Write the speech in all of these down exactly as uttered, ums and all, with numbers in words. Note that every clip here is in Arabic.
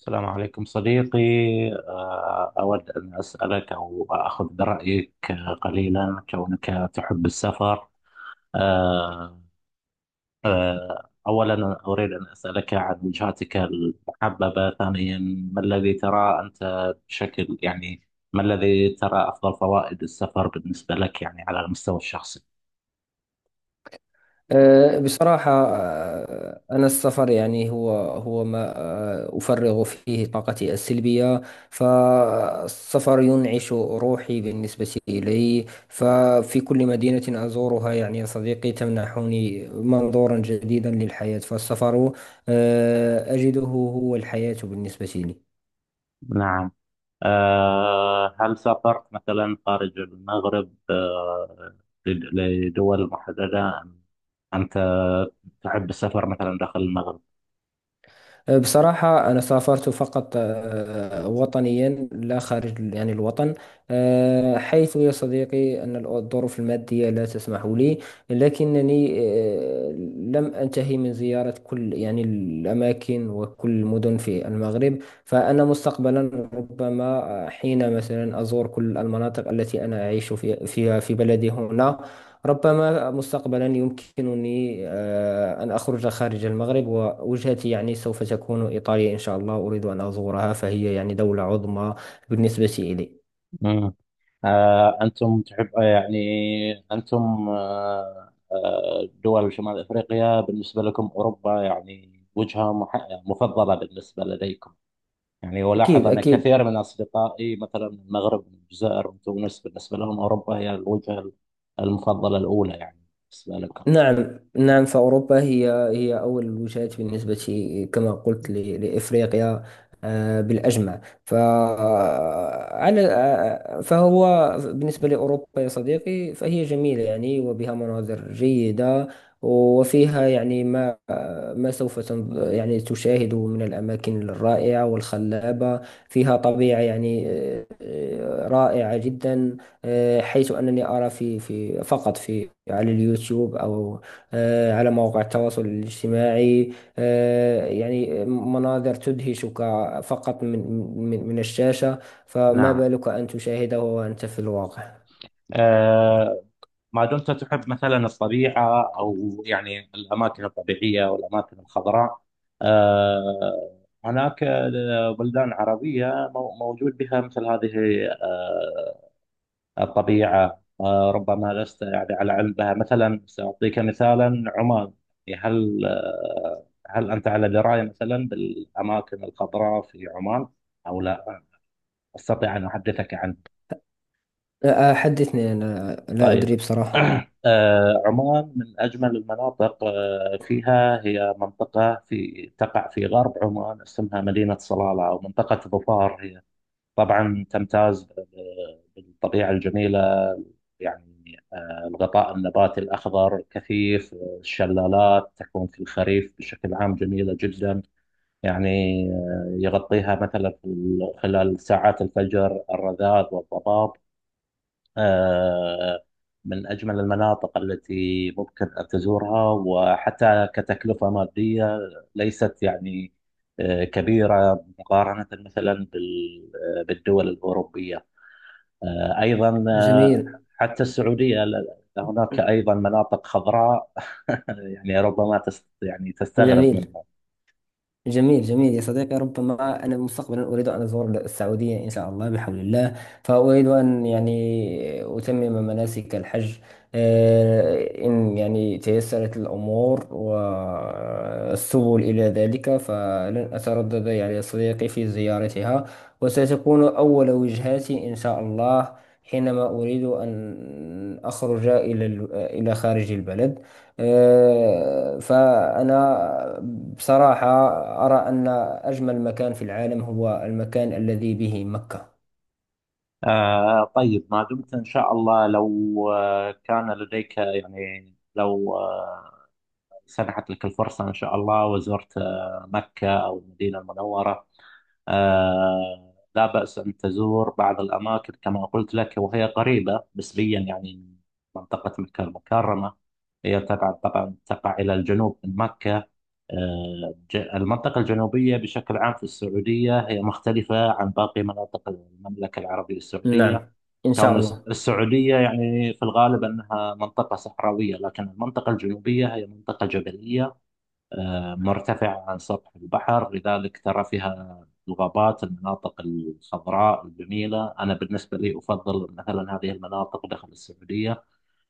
السلام عليكم صديقي. آه، أود أن أسألك أو أخذ برأيك، آه، قليلا كونك تحب السفر. آه، آه، أولا أنا أريد أن أسألك عن وجهاتك المحببة. ثانيا، ما الذي ترى أنت بشكل يعني ما الذي ترى أفضل فوائد السفر بالنسبة لك، يعني على المستوى الشخصي؟ أه، بصراحة، أه، أنا السفر يعني هو هو ما أه، أفرغ فيه طاقتي السلبية. فالسفر ينعش روحي بالنسبة إلي، ففي كل مدينة أزورها يعني يا صديقي تمنحني منظورا جديدا للحياة. فالسفر أه، أجده هو الحياة بالنسبة لي. نعم. آه، هل سافرت مثلا خارج المغرب آه، لد- لدول محددة أم أنت تحب السفر مثلا داخل المغرب؟ بصراحة أنا سافرت فقط آه، وطنيا، لا خارج يعني الوطن. آه، حيث يا صديقي أن الظروف المادية لا تسمح لي، لكنني آه، لم أنتهي من زيارة كل يعني الأماكن وكل المدن في المغرب. فأنا مستقبلا ربما حين مثلا أزور كل المناطق التي أنا أعيش في- فيها في بلدي هنا. ربما مستقبلا يمكنني آه، أن أخرج خارج المغرب، ووجهتي يعني سوف تكون إيطاليا إن شاء الله. أريد أن أزورها، فهي يعني دولة عظمى بالنسبة إلي. مم. آه، أنتم تحب، آه، يعني أنتم، آه، آه، دول شمال أفريقيا، بالنسبة لكم أوروبا يعني وجهة مح- مفضلة بالنسبة لديكم؟ يعني أكيد ألاحظ أن أكيد. كثير من أصدقائي مثلا من المغرب، من الجزائر، من تونس، بالنسبة لهم أوروبا هي الوجهة المفضلة الأولى، يعني بالنسبة لكم. نعم نعم، فأوروبا هي هي أول الوجهات، بالنسبة كما قلت ل- لإفريقيا آه، بالأجمع. فعلى فهو بالنسبة لأوروبا يا صديقي، فهي جميلة يعني وبها مناظر جيدة، وفيها يعني ما ما سوف تنظ- يعني تشاهده من الأماكن الرائعة والخلابة. فيها طبيعة يعني آه، آه، رائعة جدا. آه، حيث أنني أرى في في فقط في على اليوتيوب أو آه، على مواقع التواصل الاجتماعي، آه، يعني مناظر تدهشك فقط من من من الشاشة. فما نعم. بالك أن تشاهده وأنت في الواقع. آه، ما دمت تحب مثلا الطبيعة، أو يعني الأماكن الطبيعية والأماكن الخضراء، آه، هناك آه، بلدان عربية مو- موجود بها مثل هذه آه الطبيعة. آه، ربما لست يعني على علم بها. مثلا سأعطيك مثالا: عمان. يعني هل آه هل أنت على دراية مثلا بالأماكن الخضراء في عمان أو لا؟ أستطيع أن أحدثك عنها. آه، آه، حدثني، أنا لا طيب. أدري بصراحة. آه، عمان من أجمل المناطق. آه، فيها هي منطقة في تقع في غرب عمان اسمها مدينة صلالة أو منطقة ظفار. هي طبعا تمتاز ب- ب- بالطبيعة الجميلة، يعني آه، الغطاء النباتي الأخضر الكثيف. آه، الشلالات تكون في الخريف بشكل عام جميلة جدا، يعني آه، يغطيها مثلا في ال- خلال ساعات الفجر الرذاذ والضباب. آه، من أجمل المناطق التي ممكن أن تزورها، وحتى كتكلفة مادية ليست يعني آه، كبيرة مقارنة مثلا بال- آه، بالدول الأوروبية. آه، أيضا آه، جميل حتى السعودية، ل- هناك أيضا مناطق خضراء يعني ربما تست يعني تستغرب جميل منها. جميل جميل يا صديقي، ربما أنا مستقبلا أريد أن أزور السعودية إن شاء الله بحول الله. فأريد أن يعني أتمم مناسك الحج. آه، إن يعني تيسرت الأمور والسبل إلى ذلك، فلن أتردد يعني يا صديقي في زيارتها، وستكون أول وجهاتي إن شاء الله حينما أريد أن أخرج إلى ال- إلى خارج البلد. آه، فأنا بصراحة أرى أن أجمل مكان في العالم هو المكان الذي به مكة. آه طيب، ما دمت إن شاء الله، لو آه، كان لديك يعني، لو آه، سنحت لك الفرصة إن شاء الله وزرت آه، مكة أو المدينة المنورة، آه، لا بأس أن تزور بعض الأماكن كما قلت لك، وهي قريبة نسبيا يعني من منطقة مكة المكرمة. هي تبعد، طبعا تقع إلى الجنوب من مكة. آه، ج- المنطقة الجنوبية بشكل عام في السعودية هي مختلفة عن باقي مناطق المملكة العربية السعودية، نعم، إن كون شاء الس- الله. السعودية يعني في الغالب أنها منطقة صحراوية، لكن المنطقة الجنوبية هي منطقة جبلية آه، مرتفعة عن سطح البحر، لذلك ترى فيها الغابات، المناطق الخضراء الجميلة. أنا بالنسبة لي أفضل مثلا هذه المناطق داخل السعودية.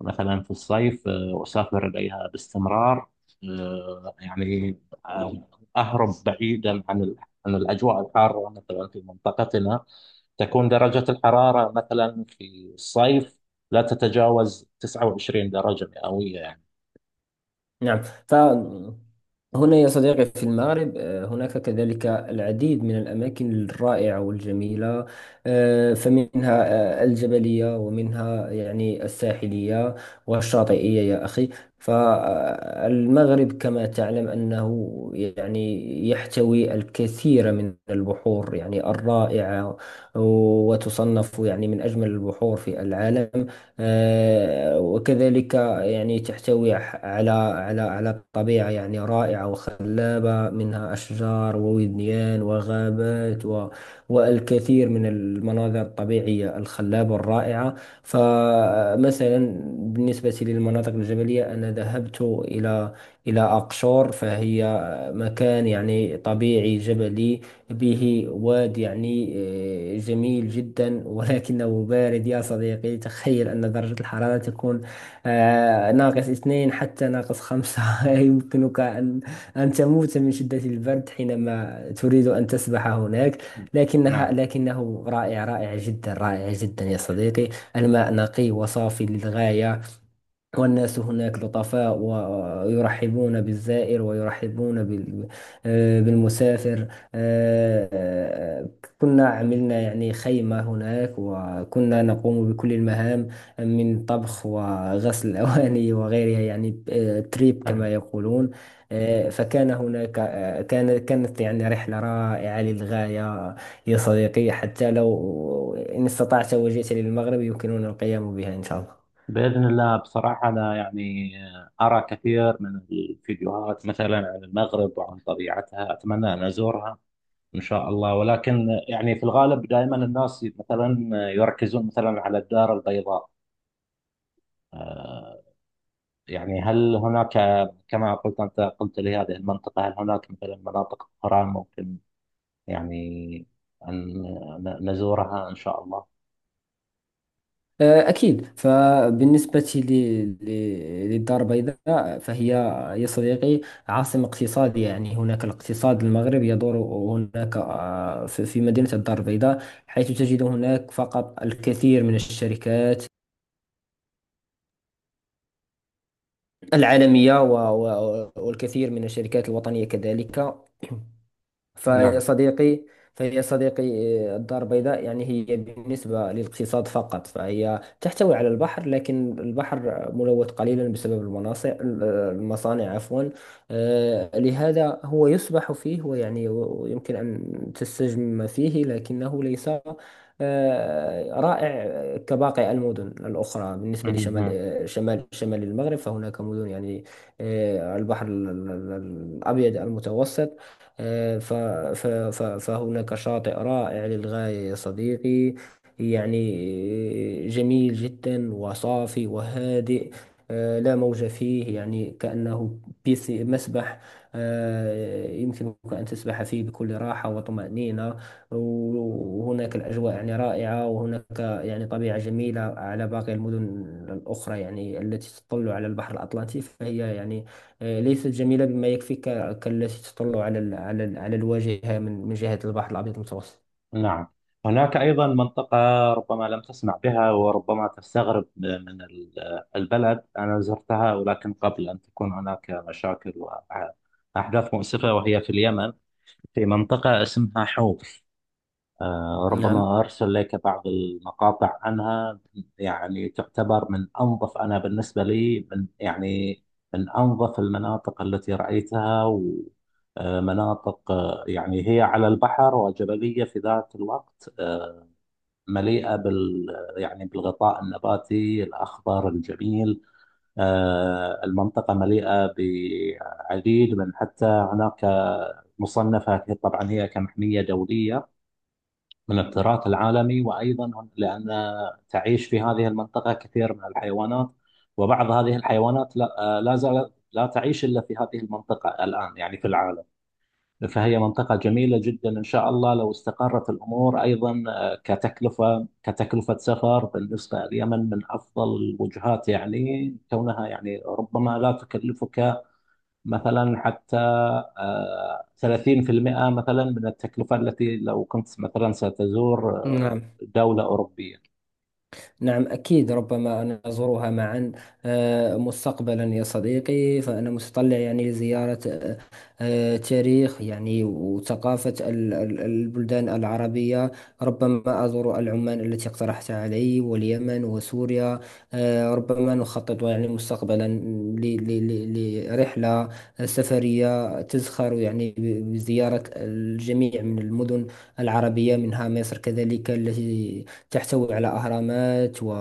مثلا في الصيف آه، أسافر إليها باستمرار، آه، يعني آه، أهرب بعيدا عن ال- عن الأجواء الحارة مثلا في منطقتنا. تكون درجة الحرارة مثلا في الصيف لا تتجاوز تسعة وعشرين درجة مئوية يعني. نعم، فهنا يا صديقي في المغرب آه، هناك كذلك العديد من الأماكن الرائعة والجميلة، آه، فمنها آه، الجبلية، ومنها يعني الساحلية والشاطئية يا أخي. فالمغرب كما تعلم أنه يعني يحتوي الكثير من البحور يعني الرائعة، وتصنف يعني من أجمل البحور في العالم. آه، وكذلك يعني تحتوي ح- على على على طبيعة يعني رائعة وخلابة، منها أشجار ووديان وغابات و والكثير من المناظر الطبيعية الخلابة الرائعة. فمثلا بالنسبة للمناطق الجبلية أنا ذهبت إلى إلى أقشور. فهي مكان يعني طبيعي جبلي، به واد يعني آه، جميل جدا ولكنه بارد يا صديقي. تخيل أن درجة الحرارة تكون آه، ناقص اثنين حتى ناقص خمسة. يمكنك أن أن تموت من شدة البرد حينما تريد أن تسبح هناك. لكنها نعم، لكنه رائع، رائع جدا، رائع جدا يا صديقي. الماء نقي وصافي للغاية، والناس هناك لطفاء ويرحبون بالزائر، ويرحبون بال- آه، بالمسافر. آه، آه، كنا عملنا يعني خيمة هناك، وكنا نقوم بكل المهام من طبخ وغسل الأواني وغيرها، يعني آه، تريب نعم. كما يقولون. آه، فكان هناك آه، كان كانت يعني رحلة رائعة للغاية يا صديقي. حتى لو إن استطعت وجئت للمغرب يمكننا القيام بها إن شاء الله. بإذن الله، بصراحة أنا يعني أرى كثير من الفيديوهات مثلا عن المغرب وعن طبيعتها، أتمنى أن أزورها إن شاء الله. ولكن يعني في الغالب دائما الناس مثلا يركزون مثلا على الدار البيضاء. آه، يعني هل هناك، كما قلت، أنت قلت لي هذه المنطقة، هل هناك مثلا مناطق أخرى ممكن يعني أن ن- نزورها إن شاء الله؟ آه، أكيد، فبالنسبة لي- لي- للدار البيضاء، فهي يا صديقي عاصمة اقتصاد يعني. هناك الاقتصاد المغرب يدور هناك، آه، في في مدينة الدار البيضاء، حيث تجد هناك فقط الكثير من الشركات العالمية و- و- والكثير من الشركات الوطنية كذلك. فيا صديقي فيا صديقي، آه، الدار البيضاء يعني هي بالنسبة للاقتصاد فقط. فهي تحتوي على البحر، لكن البحر ملوث قليلا بسبب المناصع، آه، المصانع عفوا. آه، لهذا هو يسبح فيه، ويعني يمكن أن تستجم فيه، لكنه ليس آه، رائع كباقي المدن الأخرى. بالنسبة لشمال، نعم، آه، شمال شمال المغرب، فهناك مدن يعني آه، البحر ال- ال- ال- الأبيض المتوسط. آه، ف- ف- ف- فهناك شاطئ رائع للغاية يا صديقي، يعني جميل جدا، وصافي وهادئ. آه، لا موج فيه، يعني كأنه بيس مسبح. آه، يمكنك أن تسبح فيه بكل راحة وطمأنينة. وهناك الأجواء يعني رائعة، وهناك يعني طبيعة جميلة على باقي المدن الأخرى، يعني التي تطل على البحر الأطلنطي، فهي يعني آه، ليست جميلة بما يكفي ك- كالتي تطل على ال على ال على الواجهة من من جهة البحر الأبيض المتوسط. نعم. هناك أيضا منطقة ربما لم تسمع بها، وربما تستغرب من ال- البلد. أنا زرتها ولكن قبل أن تكون هناك مشاكل وأحداث مؤسفة، وهي في اليمن، في منطقة اسمها حوف. آه، نعم ربما أرسل لك بعض المقاطع عنها. يعني تعتبر من أنظف، أنا بالنسبة لي، من يعني من أنظف المناطق التي رأيتها. و- آه، مناطق آه، يعني هي على البحر وجبلية في ذات الوقت، آه، مليئة بال يعني بالغطاء النباتي الأخضر الجميل. آه، المنطقة مليئة بعديد من، حتى هناك مصنفة طبعا هي كمحمية دولية من التراث العالمي، وأيضا لأن تعيش في هذه المنطقة كثير من الحيوانات، وبعض هذه الحيوانات لا, آه، لا زالت لا تعيش إلا في هذه المنطقة الآن يعني في العالم. فهي منطقة جميلة جدا. إن شاء الله لو استقرت الأمور أيضا، آه، كتكلفة كتكلفة سفر بالنسبة لليمن من أفضل الوجهات، يعني كونها يعني ربما لا تكلفك مثلا حتى آه، ثلاثين في المية مثلا من التكلفة التي لو كنت مثلا ستزور نعم آه، دولة أوروبية. نعم، أكيد، ربما أن نزورها معا آه، مستقبلا يا صديقي. فأنا متطلع يعني لزيارة آه، آه، تاريخ يعني وثقافة ال- ال- البلدان العربية. ربما أزور العمان التي اقترحت علي، واليمن، وسوريا. آه، ربما نخطط يعني مستقبلا ل- ل- ل- لرحلة آه، سفرية تزخر يعني ب- بزيارة الجميع من المدن العربية، منها مصر كذلك التي تحتوي على أهرامات و...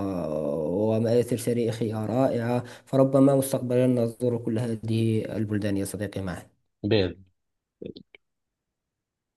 ومآثر تاريخية رائعة. فربما مستقبلا نزور كل هذه البلدان يا صديقي معا. بإذن